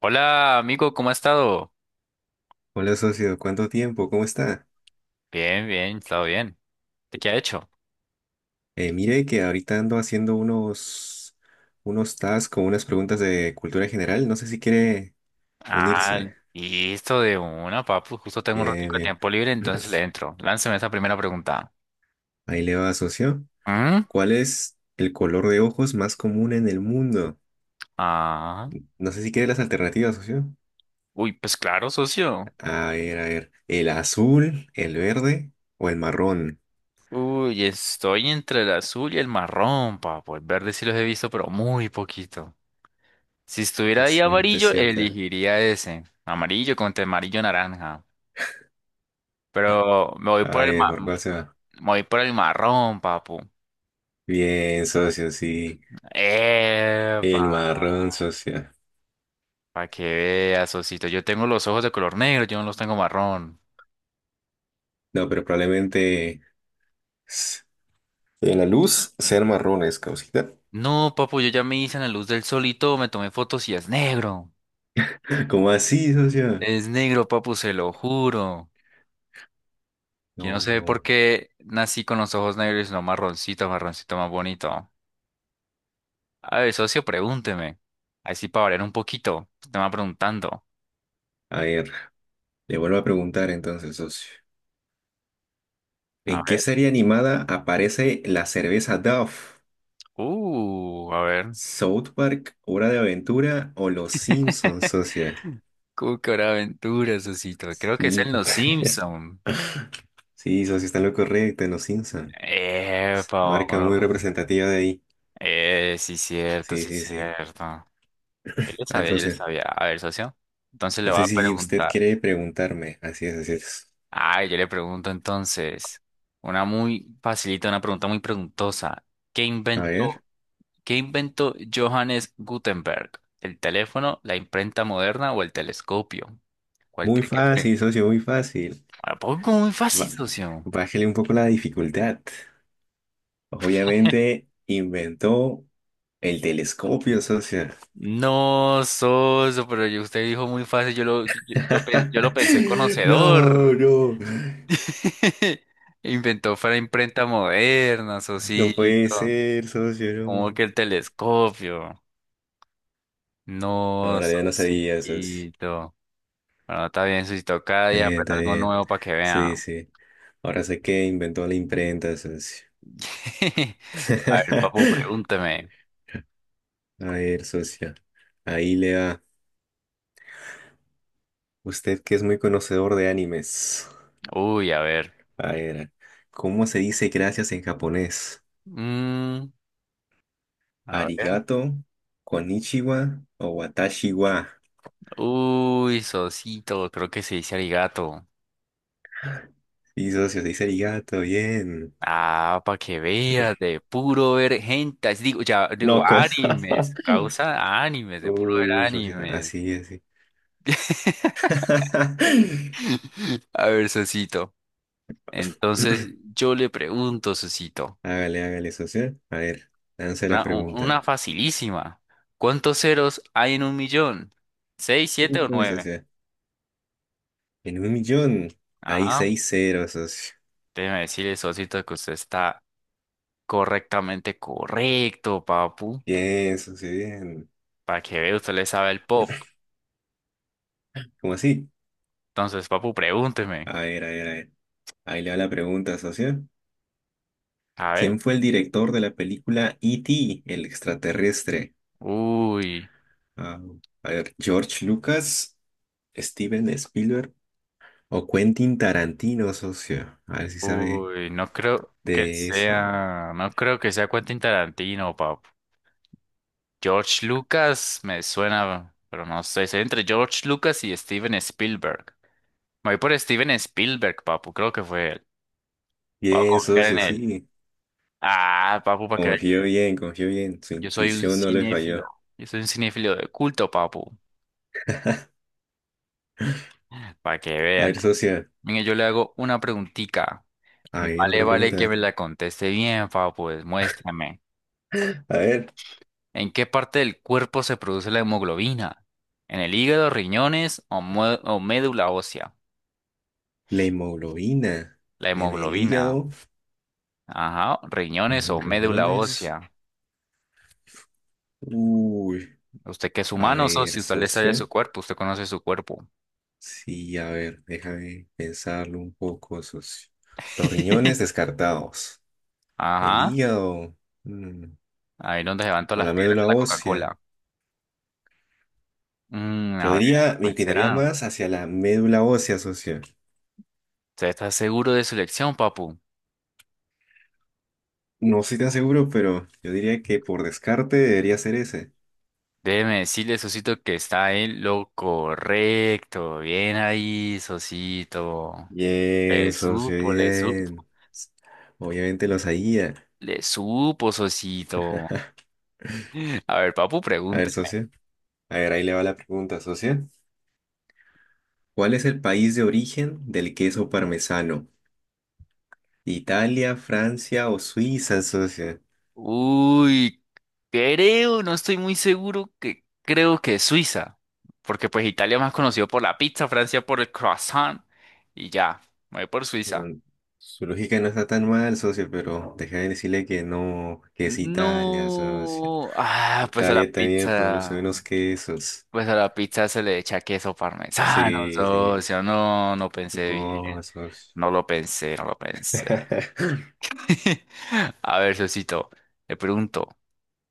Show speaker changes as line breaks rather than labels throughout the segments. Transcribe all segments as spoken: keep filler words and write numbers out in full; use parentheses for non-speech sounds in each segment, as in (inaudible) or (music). Hola, amigo, ¿cómo ha estado?
Hola socio, ¿cuánto tiempo? ¿Cómo está?
Bien, bien, he estado bien. ¿De qué ha hecho?
Eh, mire que ahorita ando haciendo unos, unos tasks con unas preguntas de cultura general. No sé si quiere
Ah,
unirse.
listo de una, papu. Justo tengo un
Bien,
ratito de
bien.
tiempo libre, entonces le
(clears throat) (laughs)
entro. Lánceme esa primera pregunta.
Ahí le va, socio.
¿Mm?
¿Cuál es el color de ojos más común en el mundo?
Ah,
No sé si quiere las alternativas, socio.
uy, pues claro, socio.
A ver, a ver. ¿El azul, el verde o el marrón?
Uy, estoy entre el azul y el marrón, papu. El verde sí los he visto, pero muy poquito. Si estuviera
Es
ahí
cierto, es
amarillo,
cierto.
elegiría ese. Amarillo contra amarillo naranja. Pero me voy
A
por el
ver,
ma-
¿por cuál se va?
me voy por el marrón, papu.
Bien, socio, sí.
Epa,
El marrón, socio.
para que veas, Osito. Yo tengo los ojos de color negro, yo no los tengo marrón.
No, pero probablemente. s- En la luz sean marrones, causita.
No, papu, yo ya me hice en la luz del sol y todo, me tomé fotos y es negro.
¿Cómo así, socio?
Es negro, papu, se lo juro. Yo no
No,
sé
no.
por qué nací con los ojos negros y no marroncito, marroncito más bonito. A ver, socio, pregúnteme. Así para variar un poquito. Usted me va preguntando.
A ver, le vuelvo a preguntar entonces, socio.
A
¿En qué
ver.
serie animada aparece la cerveza Dove?
Uh, a ver.
¿South Park, Hora de Aventura o Los Simpsons,
(laughs)
socio?
Cucaraventuras, Osito. Creo que es
Sí,
en
co-
Los Simpson.
(laughs) sí, socio, está en lo correcto, en Los Simpsons.
Epa,
Marca muy
Paolo.
representativa de ahí.
Eh, sí, cierto,
Sí,
sí,
sí, sí.
cierto. Yo le
A ver,
sabía, yo le
socio,
sabía. A ver, socio. Entonces le
no
voy
sé
a
si usted
preguntar.
quiere preguntarme. Así es, así es.
Ah, yo le pregunto entonces. Una muy facilita, una pregunta muy preguntosa. ¿Qué
A ver.
inventó, ¿qué inventó Johannes Gutenberg? ¿El teléfono, la imprenta moderna o el telescopio? ¿Cuál
Muy
cree que fue?
fácil, socio, muy fácil.
Ah, poco muy fácil,
Ba-
socio.
bájele un poco la dificultad.
(laughs)
Obviamente inventó el telescopio, socio.
No, socio, pero yo- usted dijo muy fácil, yo lo, yo, yo pen- yo lo pensé
(laughs) No,
conocedor.
no.
(laughs) Inventó para imprenta moderna,
No puede
Sosito.
ser, socio,
Como
no.
que el telescopio.
No, en
No,
realidad no sabía, socio.
Sosito. Bueno, está bien, Sosito. Cada
Está
día
bien,
aprende
está
algo
bien.
nuevo para que
Sí,
vean.
sí. Ahora sé que inventó la imprenta, socio.
(laughs) A ver, papu,
(laughs)
pregúnteme.
A ver, socio. Ahí le va. Usted que es muy conocedor de animes.
Uy, a ver.
A ver, ¿cómo se dice gracias en japonés?
Mm, a ver.
Arigato, konnichiwa o watashi wa.
Uy, Sosito, creo que se dice arigato.
Y socio, se dice arigato, bien.
Ah, para que veas, de puro ver gentas. Digo, ya, digo,
No, que-
animes.
(laughs)
Causa animes, de puro
Uy,
ver
uy, socio,
animes.
así, así.
(laughs)
(laughs)
A ver, Sosito. Entonces yo le pregunto, Sosito,
Hágale, hágale, socio. A ver, lance la
una, u-
pregunta.
una facilísima. ¿Cuántos ceros hay en un millón? ¿Seis, siete o
Uy,
nueve?
socio. En un millón hay
Ajá.
seis ceros, socio.
Déjeme decirle, Sosito, que usted está correctamente correcto, papu.
Bien, socio, bien.
Para que vea, usted le sabe el pop.
(laughs) ¿Cómo así?
Entonces, papu, pregúnteme.
A ver, a ver, a ver. Ahí le va la pregunta, socio.
A ver.
¿Quién fue el director de la película E T, el extraterrestre?
Uy,
Ah, a ver, George Lucas, Steven Spielberg o Quentin Tarantino, socio. A ver si sabe
uy, no creo que
de eso.
sea, no creo que sea Quentin Tarantino, papu. George Lucas me suena, pero no sé. Estoy entre George Lucas y Steven Spielberg. Me voy por Steven Spielberg, papu. Creo que fue él. Vamos a
Bien,
confiar en
socio,
él.
sí.
Ah, papu, para que vea.
Confío bien, confío bien. Su
Yo soy un
intuición no le
cinéfilo.
falló.
Yo soy un cinéfilo de culto, papu. Para que
A
vean.
ver, socio.
Mire, yo le hago una preguntica.
A
Y
ver,
vale,
otra
vale que
pregunta.
me la conteste bien, papu. Pues, muéstrame.
A ver,
¿En qué parte del cuerpo se produce la hemoglobina? ¿En el hígado, riñones o, mue- o médula ósea?
la hemoglobina
La
en el
hemoglobina.
hígado,
Ajá,
en
riñones o
los
médula Riñones.
riñones.
Ósea.
Uy,
Usted que es
a
humano,
ver,
socio, usted le sale
socio.
su cuerpo, usted conoce su cuerpo.
Sí, a ver, déjame pensarlo un poco, socio. Los riñones
(laughs)
descartados. El
Ajá,
hígado, mm,
ahí donde se van todas
o
las
la
piedras de
médula
la
ósea.
Coca-Cola. Mm, a
Yo
ver,
diría, me
pues
inclinaría
será.
más hacia la médula ósea, socio.
¿Usted está seguro de su elección, papu?
No estoy tan seguro, pero yo diría que por descarte debería ser ese.
Déjeme decirle, Sosito, que está en lo correcto. Bien ahí, Sosito.
Bien,
Le
socio,
supo, le supo,
bien. Obviamente lo sabía.
le supo, Sosito. (laughs) A ver, papu,
A ver,
pregunte.
socio. A ver, ahí le va la pregunta, socio. ¿Cuál es el país de origen del queso parmesano? Italia, Francia o Suiza, socio.
Uy, creo, no estoy muy seguro que creo que es Suiza, porque pues Italia es más conocido por la pizza, Francia por el croissant y ya, me voy por Suiza.
Mm, Su lógica no está tan mal, socio, pero déjame decirle que no, que es Italia, socio.
No, ah, pues a la
Italia también produce
pizza,
unos quesos.
pues a la pizza se le echa queso parmesano,
Sí, sí.
socio, no, no pensé bien,
No, socio.
no lo pensé, no lo pensé.
(laughs)
(laughs) A ver, socito, le pregunto,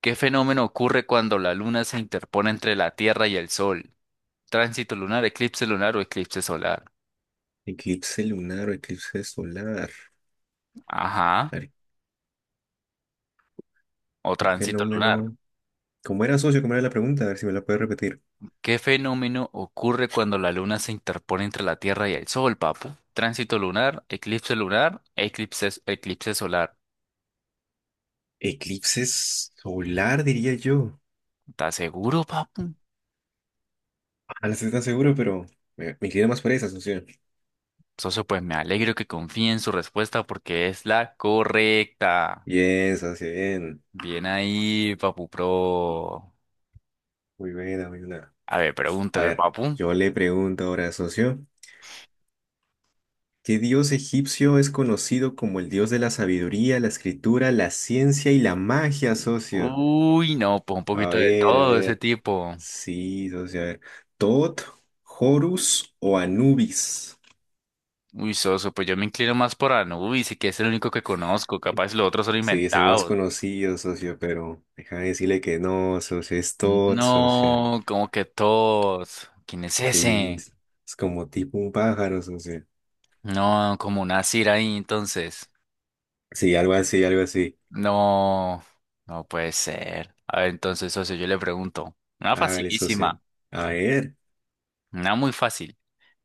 ¿qué fenómeno ocurre cuando la luna se interpone entre la Tierra y el Sol? Tránsito lunar, eclipse lunar o eclipse solar.
Eclipse lunar o eclipse solar.
Ajá.
A ver,
O
qué
tránsito lunar.
fenómeno. ¿Cómo era, socio? ¿Cómo era la pregunta? A ver si me la puede repetir.
¿Qué fenómeno ocurre cuando la luna se interpone entre la Tierra y el Sol, papu? Tránsito lunar, eclipse lunar, eclipse, eclipse solar.
Eclipse solar, diría yo.
¿Estás seguro, papu?
Ah, no estoy tan seguro, pero me, me inclino más por esa, socio.
Socio, pues me alegro que confíe en su respuesta porque es la correcta.
Bien, socio, bien.
Bien ahí, papu pro.
Muy buena, muy buena.
A ver,
A
pregúnteme,
ver,
papu.
yo le pregunto ahora, socio, ¿qué dios egipcio es conocido como el dios de la sabiduría, la escritura, la ciencia y la magia, socio?
Uy, no, pues un
A
poquito de
ver, a
todo ese
ver.
tipo.
Sí, socio, a ver. ¿Tot, Horus o Anubis?
Uy, soso, pues yo me inclino más por Anubis y que es el único que conozco. Capaz los otros son
Sí, es el más
inventados.
conocido, socio, pero déjame decirle que no, socio, es Tot, socio.
No, como que todos. ¿Quién es
Sí,
ese?
es es como tipo un pájaro, socio.
No, como una Cira ahí, entonces.
Sí, algo así, algo así.
No, no puede ser. A ver, entonces, socio, yo le pregunto. Una
Hágale, socio.
facilísima,
A ver.
una muy fácil.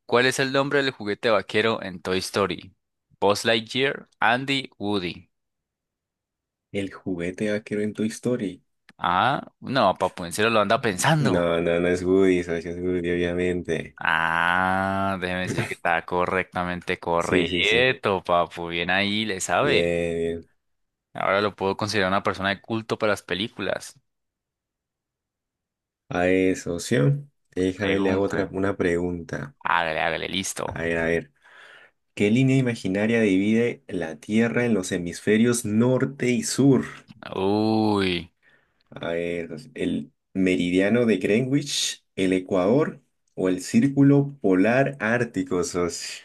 ¿Cuál es el nombre del juguete vaquero en Toy Story? Buzz Lightyear, Andy, Woody.
El juguete vaquero en Toy Story.
Ah, no, papu, en serio lo anda pensando.
No, no, no es Woody, socio, es Woody, obviamente.
Ah, déjeme decirle que está correctamente
Sí, sí, sí.
correcto, papu. Bien ahí, le sabe.
Bien, bien.
Ahora lo puedo considerar una persona de culto para las películas.
A ver, socio, déjame le hago
Pregunte.
otra, una pregunta.
Hágale, hágale,
A
listo.
ver, a ver. ¿Qué línea imaginaria divide la Tierra en los hemisferios norte y sur?
Uy,
A ver, socio, ¿el meridiano de Greenwich, el Ecuador o el círculo polar ártico, socio?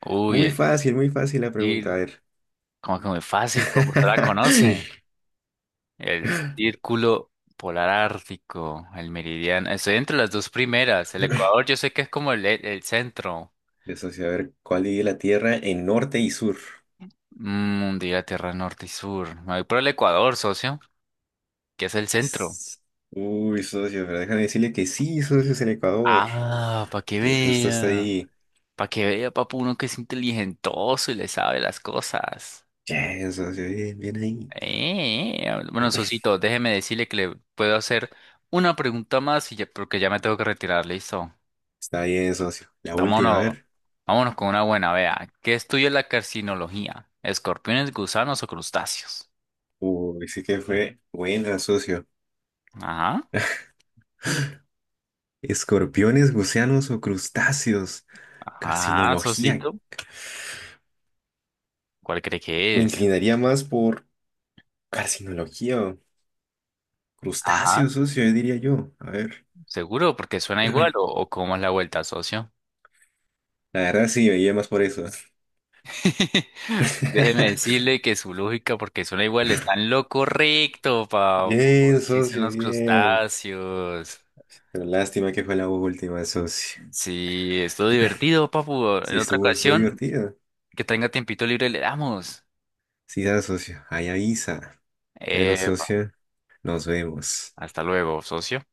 uy,
Muy
el
fácil, muy fácil la pregunta. A
cir-
ver.
como que muy fácil, papu. Usted la conoce. El círculo polar ártico, el meridiano. Estoy entre las dos primeras. El
(laughs)
Ecuador, yo sé que es como el, el centro.
de socio, a ver, ¿cuál divide la Tierra en norte y sur?
Mm, diga Tierra Norte y Sur. Me voy por el Ecuador, socio, que es el centro.
S- Uy, socio, pero déjame decirle que sí, socio, es el Ecuador,
Ah, para que
que justo está
vea.
ahí.
Para que vea, papu, uno que es inteligentoso y le sabe las cosas.
Bien, socio, bien, bien ahí.
Eh, eh, bueno, Sosito, déjeme decirle que le puedo hacer una pregunta más y ya- porque ya me tengo que retirar, listo.
Está bien, socio. La última, a
Vámonos,
ver.
vámonos con una buena, vea. ¿Qué estudia la carcinología? ¿Escorpiones, gusanos o crustáceos?
Uy, sí que fue buena, socio.
Ajá,
¿Escorpiones, gusanos o crustáceos?
ajá,
Carcinología.
Sosito. ¿Cuál cree que
Me
es?
inclinaría más por carcinología o crustáceos,
Ajá,
socio, diría yo. A ver.
seguro, porque suena igual o,
(clears throat)
o cómo es la vuelta, socio.
La verdad sí, me iría más por eso.
(laughs) Pues déjeme
(laughs)
decirle que su lógica, porque suena igual, está en lo correcto, papu.
Bien,
Existen
socio,
los
bien.
crustáceos.
Pero lástima que fue la última, socio.
Sí, es todo divertido, papu.
Sí,
En otra
estuvo, estuvo
ocasión,
divertido.
que tenga tiempito libre, le damos.
Sí, da, socio. Ahí avisa. Bueno,
Epa,
socio, nos vemos.
hasta luego, socio.